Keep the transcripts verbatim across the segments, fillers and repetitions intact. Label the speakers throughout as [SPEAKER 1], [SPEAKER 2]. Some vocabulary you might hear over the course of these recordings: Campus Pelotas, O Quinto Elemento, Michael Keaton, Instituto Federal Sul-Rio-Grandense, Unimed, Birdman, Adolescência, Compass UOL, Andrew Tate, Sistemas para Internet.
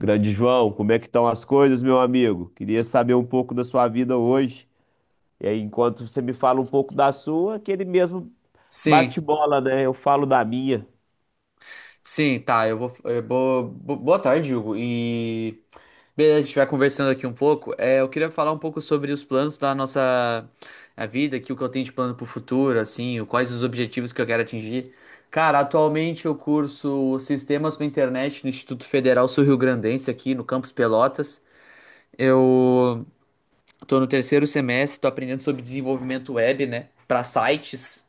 [SPEAKER 1] Grande João, como é que estão as coisas, meu amigo? Queria saber um pouco da sua vida hoje. E aí, enquanto você me fala um pouco da sua, aquele mesmo
[SPEAKER 2] Sim,
[SPEAKER 1] bate-bola, né? Eu falo da minha.
[SPEAKER 2] sim, tá. Eu vou. Eu vou- bo- boa tarde, Hugo. E beleza, a gente vai conversando aqui um pouco. É, eu queria falar um pouco sobre os planos da nossa a vida, aqui, o que eu tenho de plano pro futuro, assim, o- quais os objetivos que eu quero atingir. Cara, atualmente eu curso Sistemas para Internet no Instituto Federal Sul-Rio-Grandense, aqui no Campus Pelotas. Eu tô no terceiro semestre, tô aprendendo sobre desenvolvimento web, né, para sites.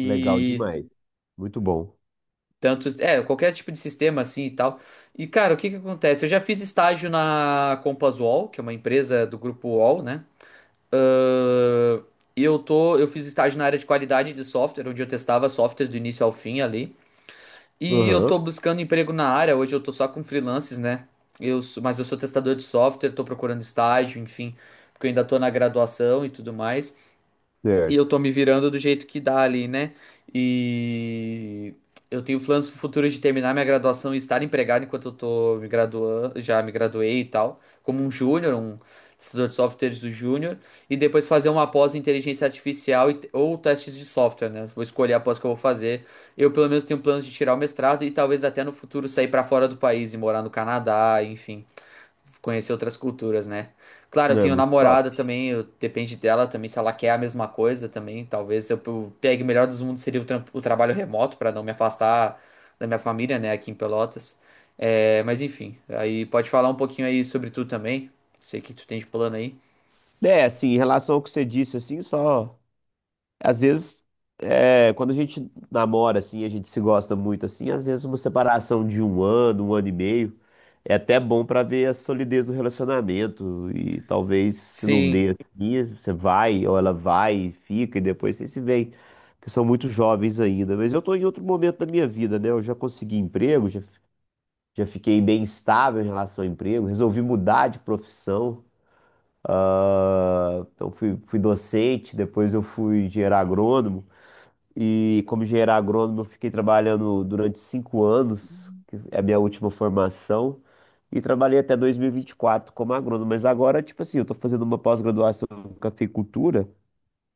[SPEAKER 1] Legal demais. Muito bom.
[SPEAKER 2] Tanto, é, qualquer tipo de sistema assim e tal. E, cara, o que que acontece? Eu já fiz estágio na Compass UOL, que é uma empresa do grupo UOL, né? Ahn, E eu tô, eu fiz estágio na área de qualidade de software, onde eu testava softwares do início ao fim ali. E eu
[SPEAKER 1] Aham,
[SPEAKER 2] tô buscando emprego na área, hoje eu tô só com freelances, né? Eu, sou- mas eu sou testador de software, tô procurando estágio, enfim, porque eu ainda tô na graduação e tudo mais. E eu
[SPEAKER 1] certo.
[SPEAKER 2] tô me virando do jeito que dá ali, né? E eu tenho planos futuros de terminar minha graduação e estar empregado enquanto eu tô me graduando, já me graduei e tal, como um júnior, um testador de softwares do júnior, e depois fazer uma pós em inteligência artificial e- ou testes de software, né? Vou escolher a pós que eu vou fazer. Eu pelo menos tenho planos de tirar o mestrado e talvez até no futuro sair pra fora do país e morar no Canadá, enfim conhecer outras culturas, né? Claro, eu
[SPEAKER 1] É,
[SPEAKER 2] tenho
[SPEAKER 1] muito top.
[SPEAKER 2] namorada também, eu- depende dela também, se ela quer a mesma coisa também. Talvez eu pe- pegue o melhor dos mundos seria o, tram- o trabalho remoto para não me afastar da minha família, né, aqui em Pelotas. É, mas enfim, aí pode falar um pouquinho aí sobre tu também. Sei que tu tem de plano aí.
[SPEAKER 1] É, assim, em relação ao que você disse, assim, só. Às vezes, é, quando a gente namora, assim, a gente se gosta muito, assim, às vezes uma separação de um ano, um ano e meio, é até bom pra ver a solidez do relacionamento. E talvez, se não dê
[SPEAKER 2] Sim,
[SPEAKER 1] assim, você vai, ou ela vai, e fica, e depois vocês se veem, porque são muito jovens ainda. Mas eu tô em outro momento da minha vida, né? Eu já consegui emprego, já, já fiquei bem estável em relação ao emprego, resolvi mudar de profissão. Ah, então fui, fui docente, depois eu fui engenheiro agrônomo. E como engenheiro agrônomo, eu fiquei trabalhando durante cinco anos, que é a minha última formação, e trabalhei até dois mil e vinte e quatro como agrônomo. Mas agora, tipo assim, eu estou fazendo uma pós-graduação em cafeicultura,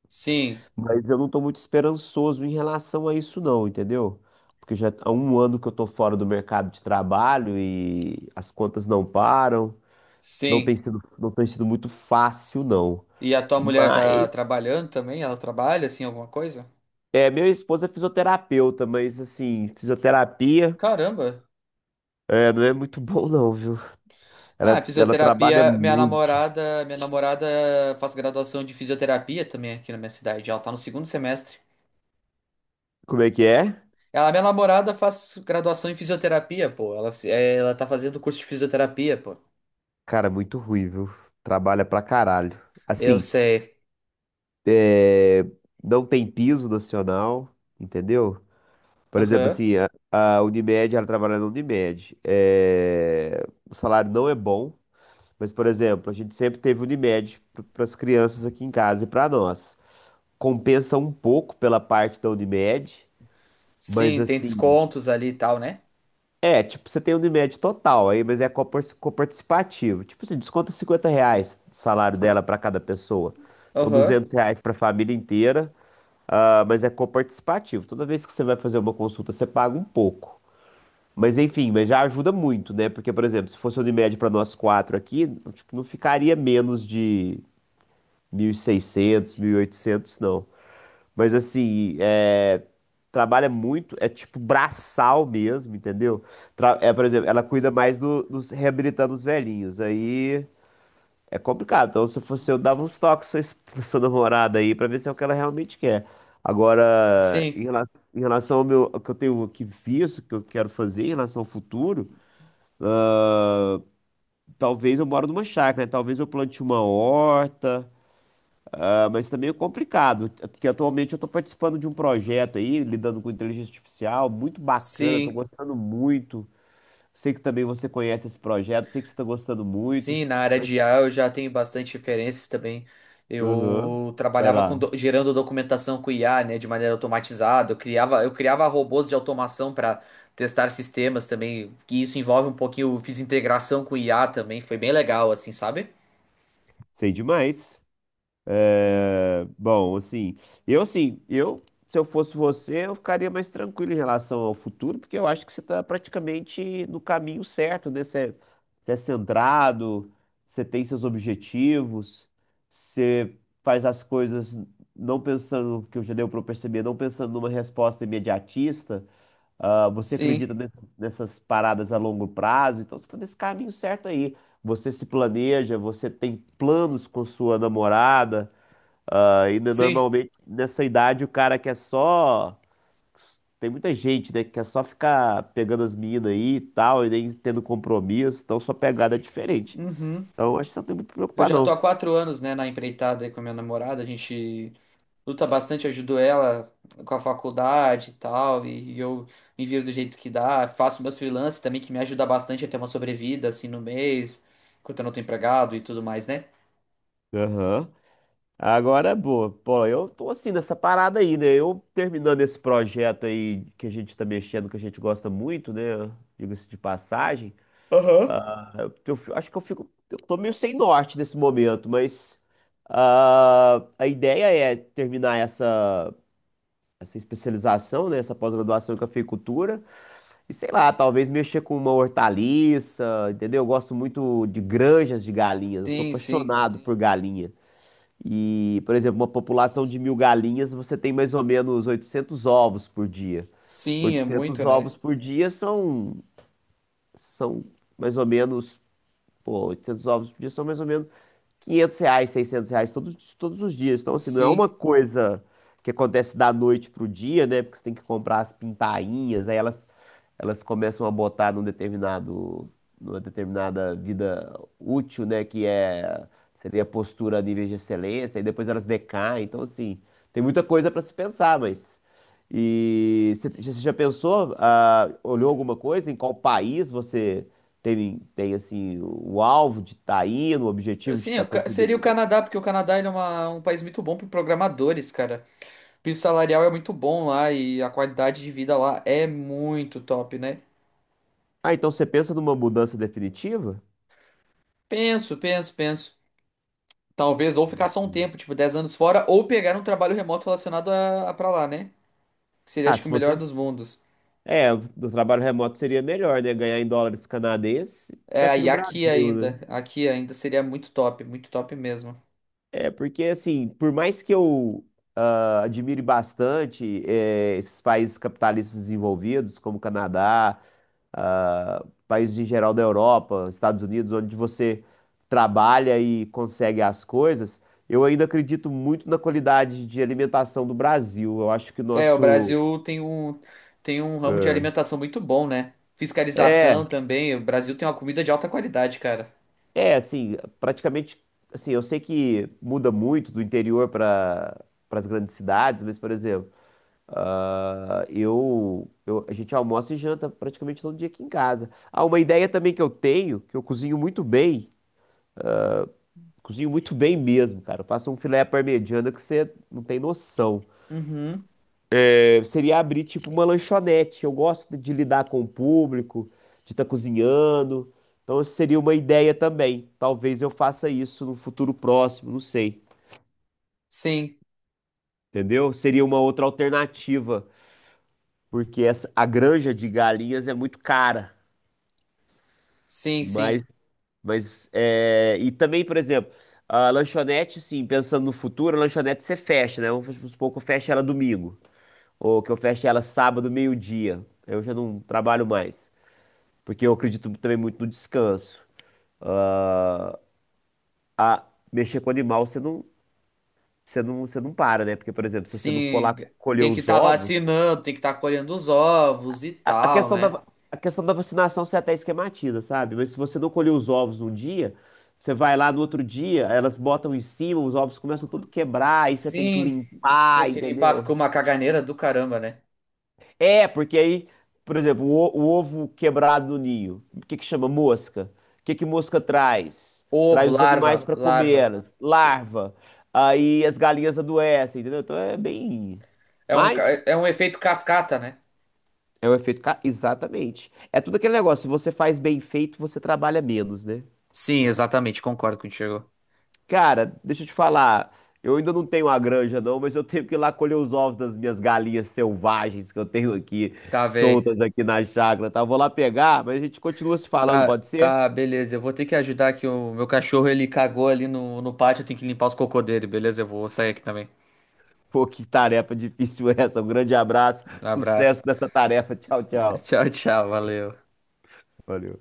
[SPEAKER 2] sim,
[SPEAKER 1] mas eu não estou muito esperançoso em relação a isso, não, entendeu? Porque já há um ano que eu estou fora do mercado de trabalho e as contas não param, não tem
[SPEAKER 2] sim.
[SPEAKER 1] sido, não tem sido muito fácil, não.
[SPEAKER 2] E a tua mulher tá
[SPEAKER 1] Mas.
[SPEAKER 2] trabalhando também? Ela trabalha assim alguma coisa?
[SPEAKER 1] É, minha esposa é fisioterapeuta, mas assim, fisioterapia.
[SPEAKER 2] Caramba!
[SPEAKER 1] É, não é muito bom não, viu?
[SPEAKER 2] Ah,
[SPEAKER 1] Ela, ela trabalha
[SPEAKER 2] fisioterapia, minha
[SPEAKER 1] muito.
[SPEAKER 2] namorada, minha namorada faz graduação de fisioterapia também aqui na minha cidade. Ela tá no segundo semestre.
[SPEAKER 1] Como é que é?
[SPEAKER 2] Ela, minha namorada faz graduação em fisioterapia, pô. Ela, se- é, Ela tá fazendo curso de fisioterapia, pô.
[SPEAKER 1] Cara, muito ruim, viu? Trabalha pra caralho.
[SPEAKER 2] Eu
[SPEAKER 1] Assim,
[SPEAKER 2] sei.
[SPEAKER 1] é, não tem piso nacional, entendeu? Por exemplo,
[SPEAKER 2] Aham.
[SPEAKER 1] assim, a, a Unimed, ela trabalha na Unimed. É, o salário não é bom, mas, por exemplo, a gente sempre teve Unimed para as crianças aqui em casa e para nós. Compensa um pouco pela parte da Unimed, mas
[SPEAKER 2] Sim, tem
[SPEAKER 1] assim.
[SPEAKER 2] descontos ali e tal, né?
[SPEAKER 1] É, tipo, você tem o Unimed total aí, mas é copar- coparticipativo. Tipo, você desconta cinquenta reais do salário dela para cada pessoa. Então,
[SPEAKER 2] Aham.
[SPEAKER 1] duzentos reais para a família inteira, ah, mas é coparticipativo. Toda vez que você vai fazer uma consulta, você paga um pouco. Mas, enfim, mas já ajuda muito, né? Porque, por exemplo, se fosse o Unimed para nós quatro aqui, acho que não ficaria menos de mil mil e seiscentos, mil e oitocentos, não. Mas assim, é, trabalha muito, é tipo braçal mesmo, entendeu? Tra- É, por exemplo, ela cuida mais do- dos reabilitando os velhinhos. Aí é complicado. Então, se eu fosse eu, dava uns toques pra sua, es- pra sua namorada aí pra ver se é o que ela realmente quer. Agora, em
[SPEAKER 2] Sim.
[SPEAKER 1] rela- em relação, ao meu, ao que eu tenho aqui visto, que eu quero fazer em relação ao futuro, talvez eu moro numa chácara, né? Talvez eu plante uma horta. Ah, mas tá meio complicado, porque atualmente eu estou participando de um projeto aí, lidando com inteligência artificial, muito bacana, estou
[SPEAKER 2] Sim.
[SPEAKER 1] gostando muito. Sei que também você conhece esse projeto, sei que você está gostando muito,
[SPEAKER 2] Sim, na área de
[SPEAKER 1] mas...
[SPEAKER 2] i a eu já tenho bastante referências também.
[SPEAKER 1] Uhum.
[SPEAKER 2] Eu
[SPEAKER 1] Vai
[SPEAKER 2] trabalhava com
[SPEAKER 1] lá.
[SPEAKER 2] do- gerando documentação com i a, né, de maneira automatizada. Eu criava, eu criava robôs de automação para testar sistemas também. Que isso envolve um pouquinho, eu fiz integração com i a também, foi bem legal assim, sabe?
[SPEAKER 1] Sei demais. É, bom, assim, eu assim, eu, se eu fosse você, eu ficaria mais tranquilo em relação ao futuro, porque eu acho que você está praticamente no caminho certo, né? Você é, você é centrado, você tem seus objetivos, você faz as coisas não pensando, que eu já deu para perceber, não pensando numa resposta imediatista, ah, você
[SPEAKER 2] Sim,
[SPEAKER 1] acredita ne- nessas paradas a longo prazo, então você está nesse caminho certo aí. Você se planeja, você tem planos com sua namorada. Ah, e né,
[SPEAKER 2] sim.
[SPEAKER 1] normalmente nessa idade o cara quer só. Tem muita gente, né, que quer só ficar pegando as minas aí e tal, e nem tendo compromisso, então sua pegada é diferente.
[SPEAKER 2] Uhum.
[SPEAKER 1] Então acho que você não tem muito que
[SPEAKER 2] Eu
[SPEAKER 1] preocupar,
[SPEAKER 2] já tô
[SPEAKER 1] não.
[SPEAKER 2] há quatro anos, né, na empreitada aí com a minha namorada. A gente luta bastante, ajudou ela com a faculdade e tal, e eu me viro do jeito que dá, faço meus freelances também, que me ajuda bastante a ter uma sobrevida, assim, no mês, enquanto eu não tô empregado e tudo mais, né?
[SPEAKER 1] Aham. Agora, boa. Pô, eu tô assim nessa parada aí, né? Eu terminando esse projeto aí que a gente tá mexendo, que a gente gosta muito, né? Diga-se de passagem.
[SPEAKER 2] Aham.
[SPEAKER 1] Ah, eu acho que eu fico. Eu tô meio sem norte nesse momento, mas ah, a ideia é terminar essa, essa especialização, né? Essa pós-graduação em cafeicultura. E sei lá, talvez mexer com uma hortaliça, entendeu? Eu gosto muito de granjas de galinhas. Eu sou
[SPEAKER 2] Sim, sim.
[SPEAKER 1] apaixonado por galinha. E, por exemplo, uma população de mil galinhas, você tem mais ou menos oitocentos ovos por dia.
[SPEAKER 2] Sim, é
[SPEAKER 1] Oitocentos
[SPEAKER 2] muito, né?
[SPEAKER 1] ovos por dia são, são mais ou menos. Pô, oitocentos ovos por dia são mais ou menos quinhentos reais, seiscentos reais todos, todos os dias. Então, assim, não é uma
[SPEAKER 2] Sim.
[SPEAKER 1] coisa que acontece da noite pro dia, né? Porque você tem que comprar as pintainhas, aí elas, elas começam a botar num determinado, numa determinada vida útil, né? Que é, seria postura a nível de excelência, e depois elas decaem. Então, assim, tem muita coisa para se pensar, mas... E você você já pensou, ah, olhou alguma coisa em qual país você tem, tem assim, o alvo de estar indo, o objetivo de
[SPEAKER 2] Sim, é
[SPEAKER 1] estar
[SPEAKER 2] o Ca-
[SPEAKER 1] conseguindo
[SPEAKER 2] seria o
[SPEAKER 1] ir.
[SPEAKER 2] Canadá, porque o Canadá ele é uma- um país muito bom para programadores, cara. O piso salarial é muito bom lá e a qualidade de vida lá é muito top, né?
[SPEAKER 1] Ah, então você pensa numa mudança definitiva?
[SPEAKER 2] Penso, penso, penso. Talvez ou ficar só um
[SPEAKER 1] Sim.
[SPEAKER 2] tempo, tipo dez anos fora, ou pegar um trabalho remoto relacionado a, a pra lá, né? Que seria
[SPEAKER 1] Ah,
[SPEAKER 2] acho que
[SPEAKER 1] se
[SPEAKER 2] o melhor
[SPEAKER 1] você.
[SPEAKER 2] dos mundos.
[SPEAKER 1] É, do trabalho remoto seria melhor, né? Ganhar em dólares canadenses
[SPEAKER 2] É,
[SPEAKER 1] daqui
[SPEAKER 2] e
[SPEAKER 1] do
[SPEAKER 2] aqui
[SPEAKER 1] Brasil, né?
[SPEAKER 2] ainda, aqui ainda seria muito top, muito top mesmo.
[SPEAKER 1] É, porque assim, por mais que eu ah, admire bastante eh, esses países capitalistas desenvolvidos, como Canadá, ah, países em geral da Europa, Estados Unidos, onde você trabalha e consegue as coisas, eu ainda acredito muito na qualidade de alimentação do Brasil. Eu acho que o
[SPEAKER 2] É, o
[SPEAKER 1] nosso
[SPEAKER 2] Brasil tem um tem um ramo de alimentação muito bom, né?
[SPEAKER 1] é,
[SPEAKER 2] Fiscalização também. O Brasil tem uma comida de alta qualidade, cara.
[SPEAKER 1] é assim, praticamente assim, eu sei que muda muito do interior para para as grandes cidades, mas por exemplo, ah, eu, eu- a gente almoça e janta praticamente todo dia aqui em casa. Ah, uma ideia também que eu tenho, que eu cozinho muito bem. Cozinho muito bem mesmo, cara. Eu faço um filé à parmegiana que você não tem noção.
[SPEAKER 2] Uhum.
[SPEAKER 1] É, seria abrir tipo uma lanchonete. Eu gosto de lidar com o público, de estar cozinhando. Então seria uma ideia também. Talvez eu faça isso no futuro próximo, não sei.
[SPEAKER 2] Sim,
[SPEAKER 1] Entendeu? Seria uma outra alternativa, porque essa, a granja de galinhas é muito cara.
[SPEAKER 2] sim, sim.
[SPEAKER 1] Mas, mas é, e também, por exemplo, a lanchonete, sim, pensando no futuro, a lanchonete você fecha, né? Vamos supor que eu feche ela domingo. Ou que eu feche ela sábado, meio-dia. Eu já não trabalho mais. Porque eu acredito também muito no descanso. A mexer com animal, você não, você não, você não para, né? Porque, por exemplo, se você não for
[SPEAKER 2] Sim,
[SPEAKER 1] lá colher
[SPEAKER 2] tem que
[SPEAKER 1] os
[SPEAKER 2] estar
[SPEAKER 1] ovos.
[SPEAKER 2] vacinando, tem que estar colhendo os ovos e
[SPEAKER 1] A, a
[SPEAKER 2] tal,
[SPEAKER 1] questão da,
[SPEAKER 2] né?
[SPEAKER 1] va- a questão da vacinação você até esquematiza, sabe? Mas se você não colher os ovos num dia, você vai lá no outro dia, elas botam em cima, os ovos começam tudo a quebrar, aí você tem que
[SPEAKER 2] Sim, tem
[SPEAKER 1] limpar,
[SPEAKER 2] que limpar, ficou
[SPEAKER 1] entendeu?
[SPEAKER 2] uma caganeira do caramba, né?
[SPEAKER 1] É, porque aí, por exemplo, o, o ovo quebrado no ninho, o que que chama mosca? O que que mosca traz?
[SPEAKER 2] Ovo,
[SPEAKER 1] Traz os animais
[SPEAKER 2] larva,
[SPEAKER 1] para comer
[SPEAKER 2] larva.
[SPEAKER 1] elas, larva. Aí as galinhas adoecem, entendeu? Então é bem.
[SPEAKER 2] É um, ca-
[SPEAKER 1] Mas
[SPEAKER 2] é um efeito cascata, né?
[SPEAKER 1] é um efeito. ca- Exatamente. É tudo aquele negócio, se você faz bem feito, você trabalha menos, né?
[SPEAKER 2] Sim, exatamente, concordo contigo.
[SPEAKER 1] Cara, deixa eu te falar. Eu ainda não tenho a granja, não, mas eu tenho que ir lá colher os ovos das minhas galinhas selvagens que eu tenho aqui,
[SPEAKER 2] Tá bem.
[SPEAKER 1] soltas aqui na chácara, tá? Eu Vou lá pegar, mas a gente continua se falando,
[SPEAKER 2] Tá,
[SPEAKER 1] pode ser?
[SPEAKER 2] tá, beleza. Eu vou ter que ajudar aqui o meu cachorro, ele cagou ali no, no pátio, eu tenho que limpar os cocô dele, beleza? Eu vou sair aqui também.
[SPEAKER 1] Pô, que tarefa difícil essa. Um grande abraço,
[SPEAKER 2] Abraço.
[SPEAKER 1] sucesso nessa tarefa. Tchau, tchau.
[SPEAKER 2] Tchau, tchau, valeu.
[SPEAKER 1] Valeu.